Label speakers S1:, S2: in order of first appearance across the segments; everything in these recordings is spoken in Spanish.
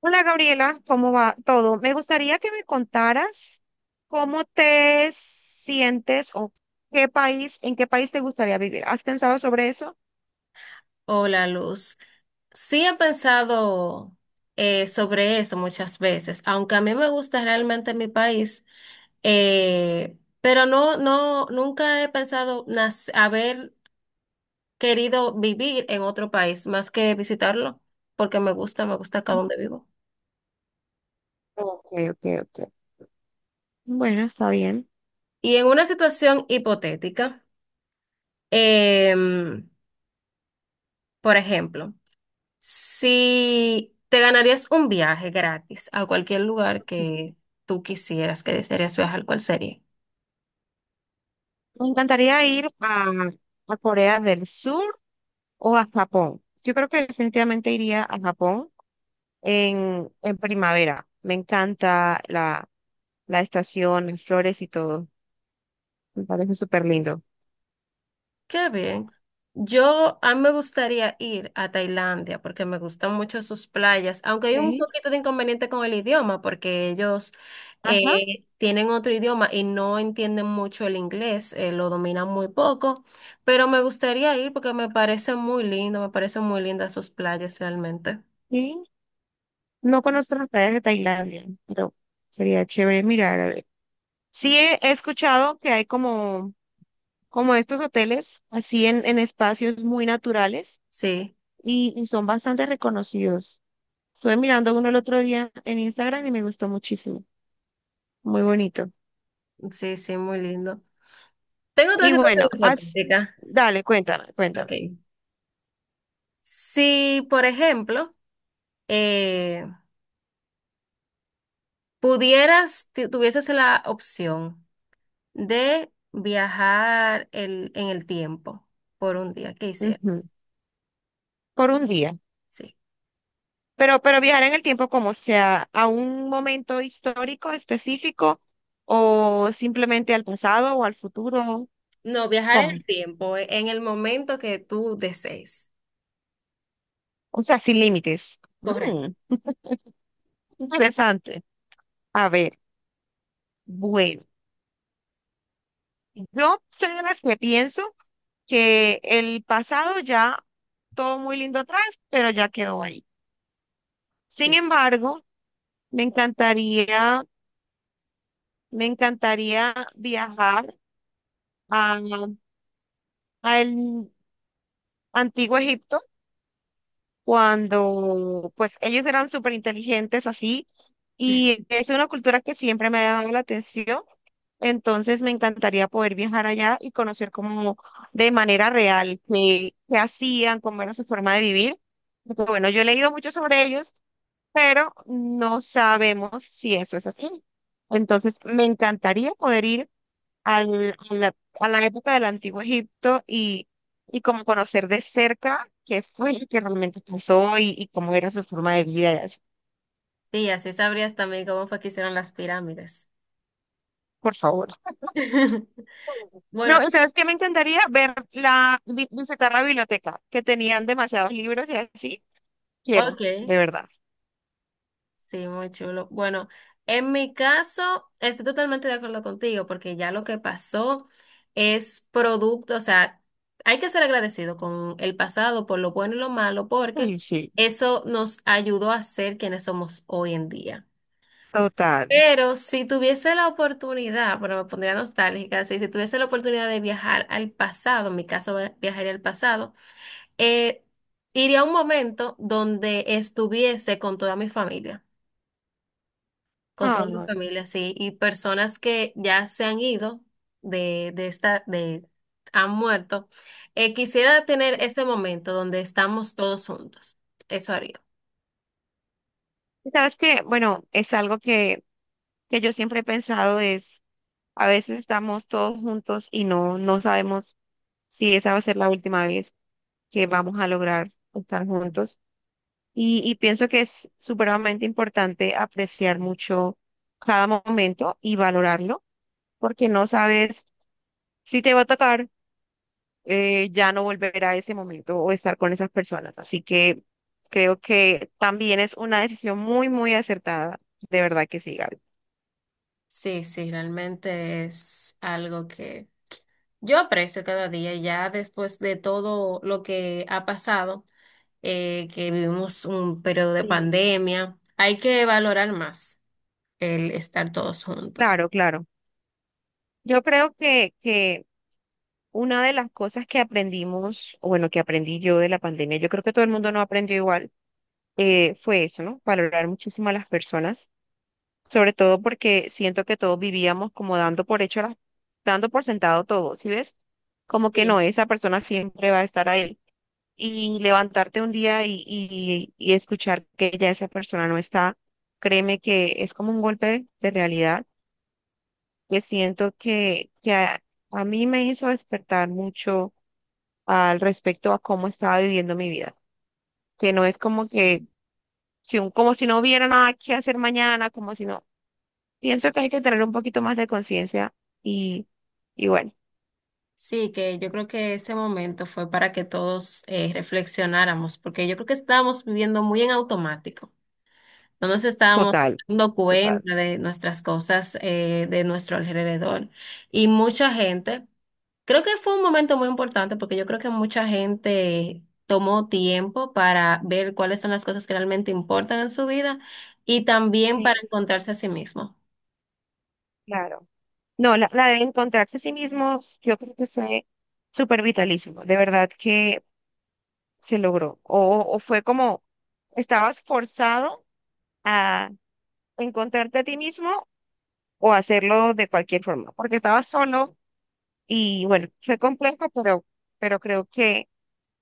S1: Hola Gabriela, ¿cómo va todo? Me gustaría que me contaras cómo te sientes o qué país, en qué país te gustaría vivir. ¿Has pensado sobre eso?
S2: Hola, Luz. Sí he pensado sobre eso muchas veces, aunque a mí me gusta realmente mi país, pero nunca he pensado haber querido vivir en otro país más que visitarlo, porque me gusta acá donde vivo.
S1: Ok, ok, ok. Bueno, está bien.
S2: Y en una situación hipotética, em, por ejemplo. Si te ganarías un viaje gratis a cualquier lugar que tú quisieras, que desearías viajar, ¿cuál sería?
S1: Me encantaría ir a Corea del Sur o a Japón. Yo creo que definitivamente iría a Japón en primavera. Me encanta la, la estación, las flores y todo. Me parece súper lindo.
S2: Qué bien. Yo, a mí me gustaría ir a Tailandia porque me gustan mucho sus playas, aunque hay un
S1: Sí,
S2: poquito de inconveniente con el idioma porque ellos
S1: ajá.
S2: tienen otro idioma y no entienden mucho el inglés, lo dominan muy poco, pero me gustaría ir porque me parece muy lindo, me parecen muy lindas sus playas realmente.
S1: Sí. No conozco las playas de Tailandia, pero sería chévere mirar, a ver. Sí he, he escuchado que hay como, como estos hoteles, así en espacios muy naturales
S2: Sí,
S1: y son bastante reconocidos. Estuve mirando uno el otro día en Instagram y me gustó muchísimo, muy bonito.
S2: sí, sí, muy lindo. Tengo otra
S1: Y
S2: situación
S1: bueno, haz,
S2: hipotética.
S1: dale, cuéntame, cuéntame.
S2: Ok. Si, por ejemplo, eh, pudieras, tuvieses la opción de viajar en el tiempo por un día, ¿qué hicieras?
S1: Ujú, por un día.
S2: Sí.
S1: Pero viajar en el tiempo como sea, a un momento histórico específico o simplemente al pasado o al futuro.
S2: No, viajar en
S1: ¿Cómo?
S2: el tiempo, en el momento que tú desees.
S1: O sea, sin límites.
S2: Correcto,
S1: Mm, interesante. A ver, bueno, yo soy de las que pienso que el pasado ya todo muy lindo atrás, pero ya quedó ahí. Sin
S2: sí.
S1: embargo, me encantaría, me encantaría viajar a, a el antiguo Egipto cuando pues ellos eran súper inteligentes así y es una cultura que siempre me ha llamado la atención. Entonces me encantaría poder viajar allá y conocer como de manera real qué, qué hacían, cómo era su forma de vivir. Porque, bueno, yo he leído mucho sobre ellos, pero no sabemos si eso es así. Entonces me encantaría poder ir al- a la época del Antiguo Egipto y como conocer de cerca qué fue lo que realmente pasó y cómo era su forma de vida, y así.
S2: Sí, así sabrías también cómo fue que hicieron las pirámides.
S1: Por favor. No,
S2: Bueno,
S1: ¿sabes qué? Me encantaría ver la, vi- visitar la biblioteca, que tenían demasiados libros y así. Quiero,
S2: ok.
S1: de verdad.
S2: Sí, muy chulo. Bueno, en mi caso, estoy totalmente de acuerdo contigo porque ya lo que pasó es producto, o sea, hay que ser agradecido con el pasado por lo bueno y lo malo porque
S1: Ay, sí,
S2: eso nos ayudó a ser quienes somos hoy en día.
S1: total.
S2: Pero si tuviese la oportunidad, bueno, me pondría nostálgica, sí, si tuviese la oportunidad de viajar al pasado, en mi caso viajaría al pasado, eh, iría a un momento donde estuviese con toda mi familia. Con
S1: Ay,
S2: todas mi
S1: no.
S2: familias sí. Y personas que ya se han ido de, de esta, de, han muerto. Quisiera tener ese momento donde estamos todos juntos. Eso haría.
S1: ¿Y ¿sabes qué? Bueno, es algo que yo siempre he pensado es, a veces estamos todos juntos y no, no sabemos si esa va a ser la última vez que vamos a lograr estar juntos. Y pienso que es supremamente importante apreciar mucho cada momento y valorarlo, porque no sabes si te va a tocar, ya no volver a ese momento o estar con esas personas. Así que creo que también es una decisión muy, muy acertada. De verdad que sí, Gaby.
S2: Sí, sí, realmente es algo que yo aprecio cada día, ya después de todo lo que ha pasado, que vivimos un periodo de
S1: Sí.
S2: pandemia, hay que valorar más el estar todos juntos.
S1: Claro, claro. Yo creo que una de las cosas que aprendimos, o bueno, que aprendí yo de la pandemia, yo creo que todo el mundo no aprendió igual,
S2: Sí,
S1: fue eso, ¿no? Valorar muchísimo a las personas, sobre todo porque siento que todos vivíamos como dando por hecho, las- dando por sentado todo, ¿sí ves? Como que no,
S2: sí.
S1: esa persona siempre va a estar ahí y levantarte un día y escuchar que ya esa persona no está, créeme que es como un golpe de realidad que siento que a mí me hizo despertar mucho al respecto a cómo estaba viviendo mi vida, que no es como que, si un- como si no hubiera nada que hacer mañana, como si no, pienso que hay que tener un poquito más de conciencia y, y bueno,
S2: Sí, que yo creo que ese momento fue para que todos reflexionáramos, porque yo creo que estábamos viviendo muy en automático. No nos estábamos
S1: total,
S2: dando
S1: total.
S2: cuenta de nuestras cosas, de nuestro alrededor. Y mucha gente, creo que fue un momento muy importante, porque yo creo que mucha gente tomó tiempo para ver cuáles son las cosas que realmente importan en su vida y también para
S1: Sí,
S2: encontrarse a sí mismo.
S1: claro. No, la de encontrarse a sí mismos, yo creo que fue súper vitalísimo. De verdad que se logró. O fue como, estabas forzado a encontrarte a ti mismo o hacerlo de cualquier forma, porque estabas solo y bueno, fue complejo, pero creo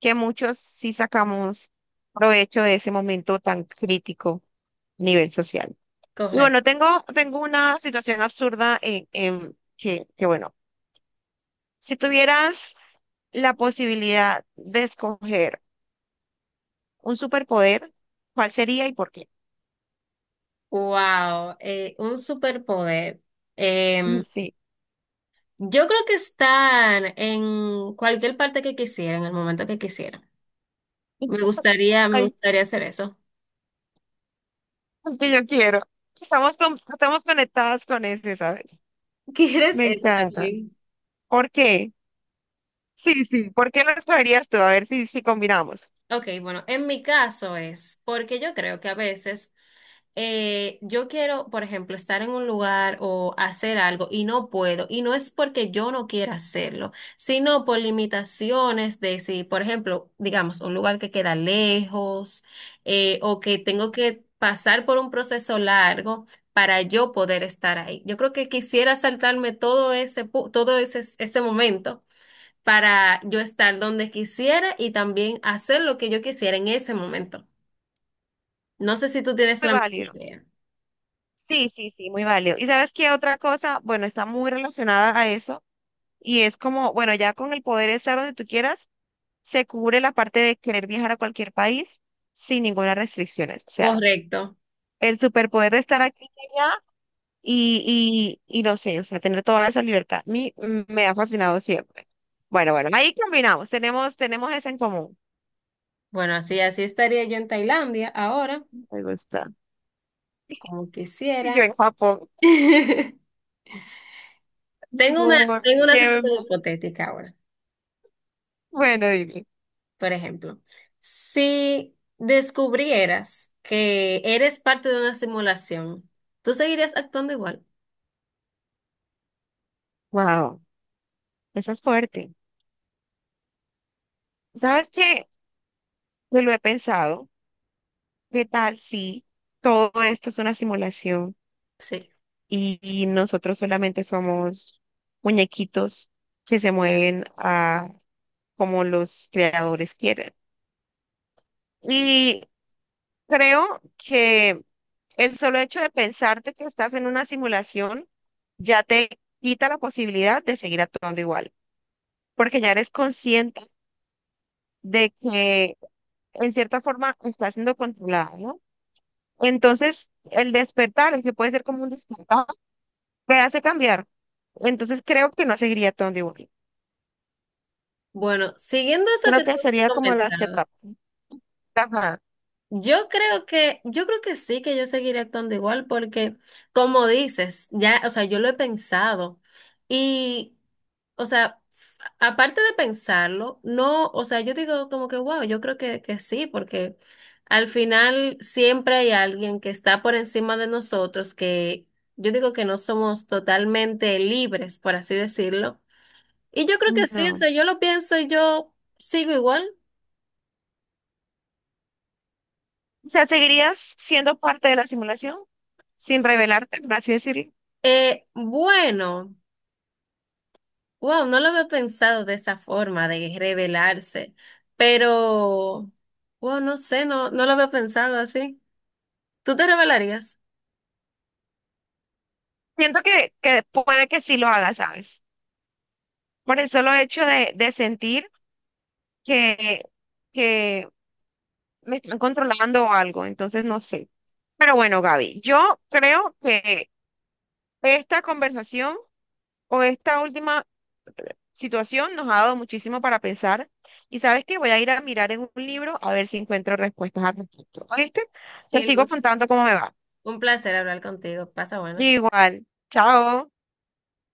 S1: que muchos sí sacamos provecho de ese momento tan crítico a nivel social. Y bueno,
S2: Correcto.
S1: tengo, tengo una situación absurda en que bueno, si tuvieras... la posibilidad de escoger un superpoder, ¿cuál sería y por qué?
S2: Wow, un superpoder.
S1: Sí.
S2: Yo creo que están en cualquier parte que quisiera, en el momento que quisiera. Me
S1: Ay,
S2: gustaría hacer eso.
S1: el que yo quiero. Estamos, con- estamos conectadas con ese, ¿sabes?
S2: ¿Quieres
S1: Me
S2: eso
S1: encantan.
S2: también?
S1: ¿Por qué? Sí, sí. ¿Por qué lo escogerías tú? A ver si, si combinamos.
S2: Ok, bueno, en mi caso es porque yo creo que a veces yo quiero, por ejemplo, estar en un lugar o hacer algo y no puedo, y no es porque yo no quiera hacerlo, sino por limitaciones de si, por ejemplo, digamos, un lugar que queda lejos o que tengo que pasar por un proceso largo para yo poder estar ahí. Yo creo que quisiera saltarme todo ese, ese momento para yo estar donde quisiera y también hacer lo que yo quisiera en ese momento. No sé si tú tienes
S1: Muy
S2: la misma
S1: válido.
S2: idea.
S1: Sí, sí, sí, muy válido. ¿Y sabes qué otra cosa? Bueno, está muy relacionada a eso y es como, bueno, ya con el poder de estar donde tú quieras, se cubre la parte de querer viajar a cualquier país sin ninguna restricción. O sea,
S2: Correcto.
S1: el superpoder de estar aquí y allá y no sé, o sea, tener toda esa libertad. A mí, me ha fascinado siempre. Bueno, bueno, ahí combinamos, tenemos, tenemos eso en común.
S2: Bueno, así, así estaría yo en Tailandia ahora,
S1: Me gusta.
S2: como
S1: Y yo
S2: quisiera.
S1: en Japón. Por
S2: Tengo una,
S1: favor,
S2: tengo una situación
S1: llévenme.
S2: hipotética ahora.
S1: Bueno, dime.
S2: Por ejemplo, si descubrieras que eres parte de una simulación, ¿tú seguirías actuando igual?
S1: Wow, esa es fuerte. ¿Sabes qué? Yo lo he pensado. ¿Qué tal si todo esto es una simulación
S2: Sí.
S1: y nosotros solamente somos muñequitos que se mueven a como los creadores quieren? Y creo que el solo hecho de pensarte que estás en una simulación ya te quita la posibilidad de seguir actuando igual, porque ya eres consciente de que en cierta forma estás siendo controlada, ¿no? Entonces, el despertar, el que puede ser como un despertar, te hace cambiar. Entonces, creo que no seguiría actuando igual.
S2: Bueno, siguiendo eso que
S1: Creo
S2: tú
S1: que sería
S2: has
S1: como las que
S2: comentado,
S1: atrapan. Ajá,
S2: yo creo que sí, que yo seguiré actuando igual porque, como dices, ya, o sea, yo lo he pensado. Y o sea, aparte de pensarlo, no, o sea, yo digo como que, wow, que sí, porque al final siempre hay alguien que está por encima de nosotros, que yo digo que no somos totalmente libres, por así decirlo. Y yo creo que sí, o
S1: no.
S2: sea, yo lo pienso y yo sigo igual.
S1: O sea, ¿seguirías siendo parte de la simulación sin revelarte, por así decirlo?
S2: Bueno, wow, no lo había pensado de esa forma, de revelarse, pero, wow, no sé, no lo había pensado así. ¿Tú te revelarías?
S1: Siento que puede que sí lo haga, ¿sabes? Por el solo hecho de sentir que, que me están controlando o algo, entonces no sé. Pero bueno, Gaby, yo creo que esta conversación o esta última situación nos ha dado muchísimo para pensar. Y sabes que voy a ir a mirar en un libro a ver si encuentro respuestas al respecto. ¿Oíste? Te
S2: Sí,
S1: sigo
S2: Luz.
S1: contando cómo me va.
S2: Un placer hablar contigo. Pasa buenas.
S1: Igual. Chao.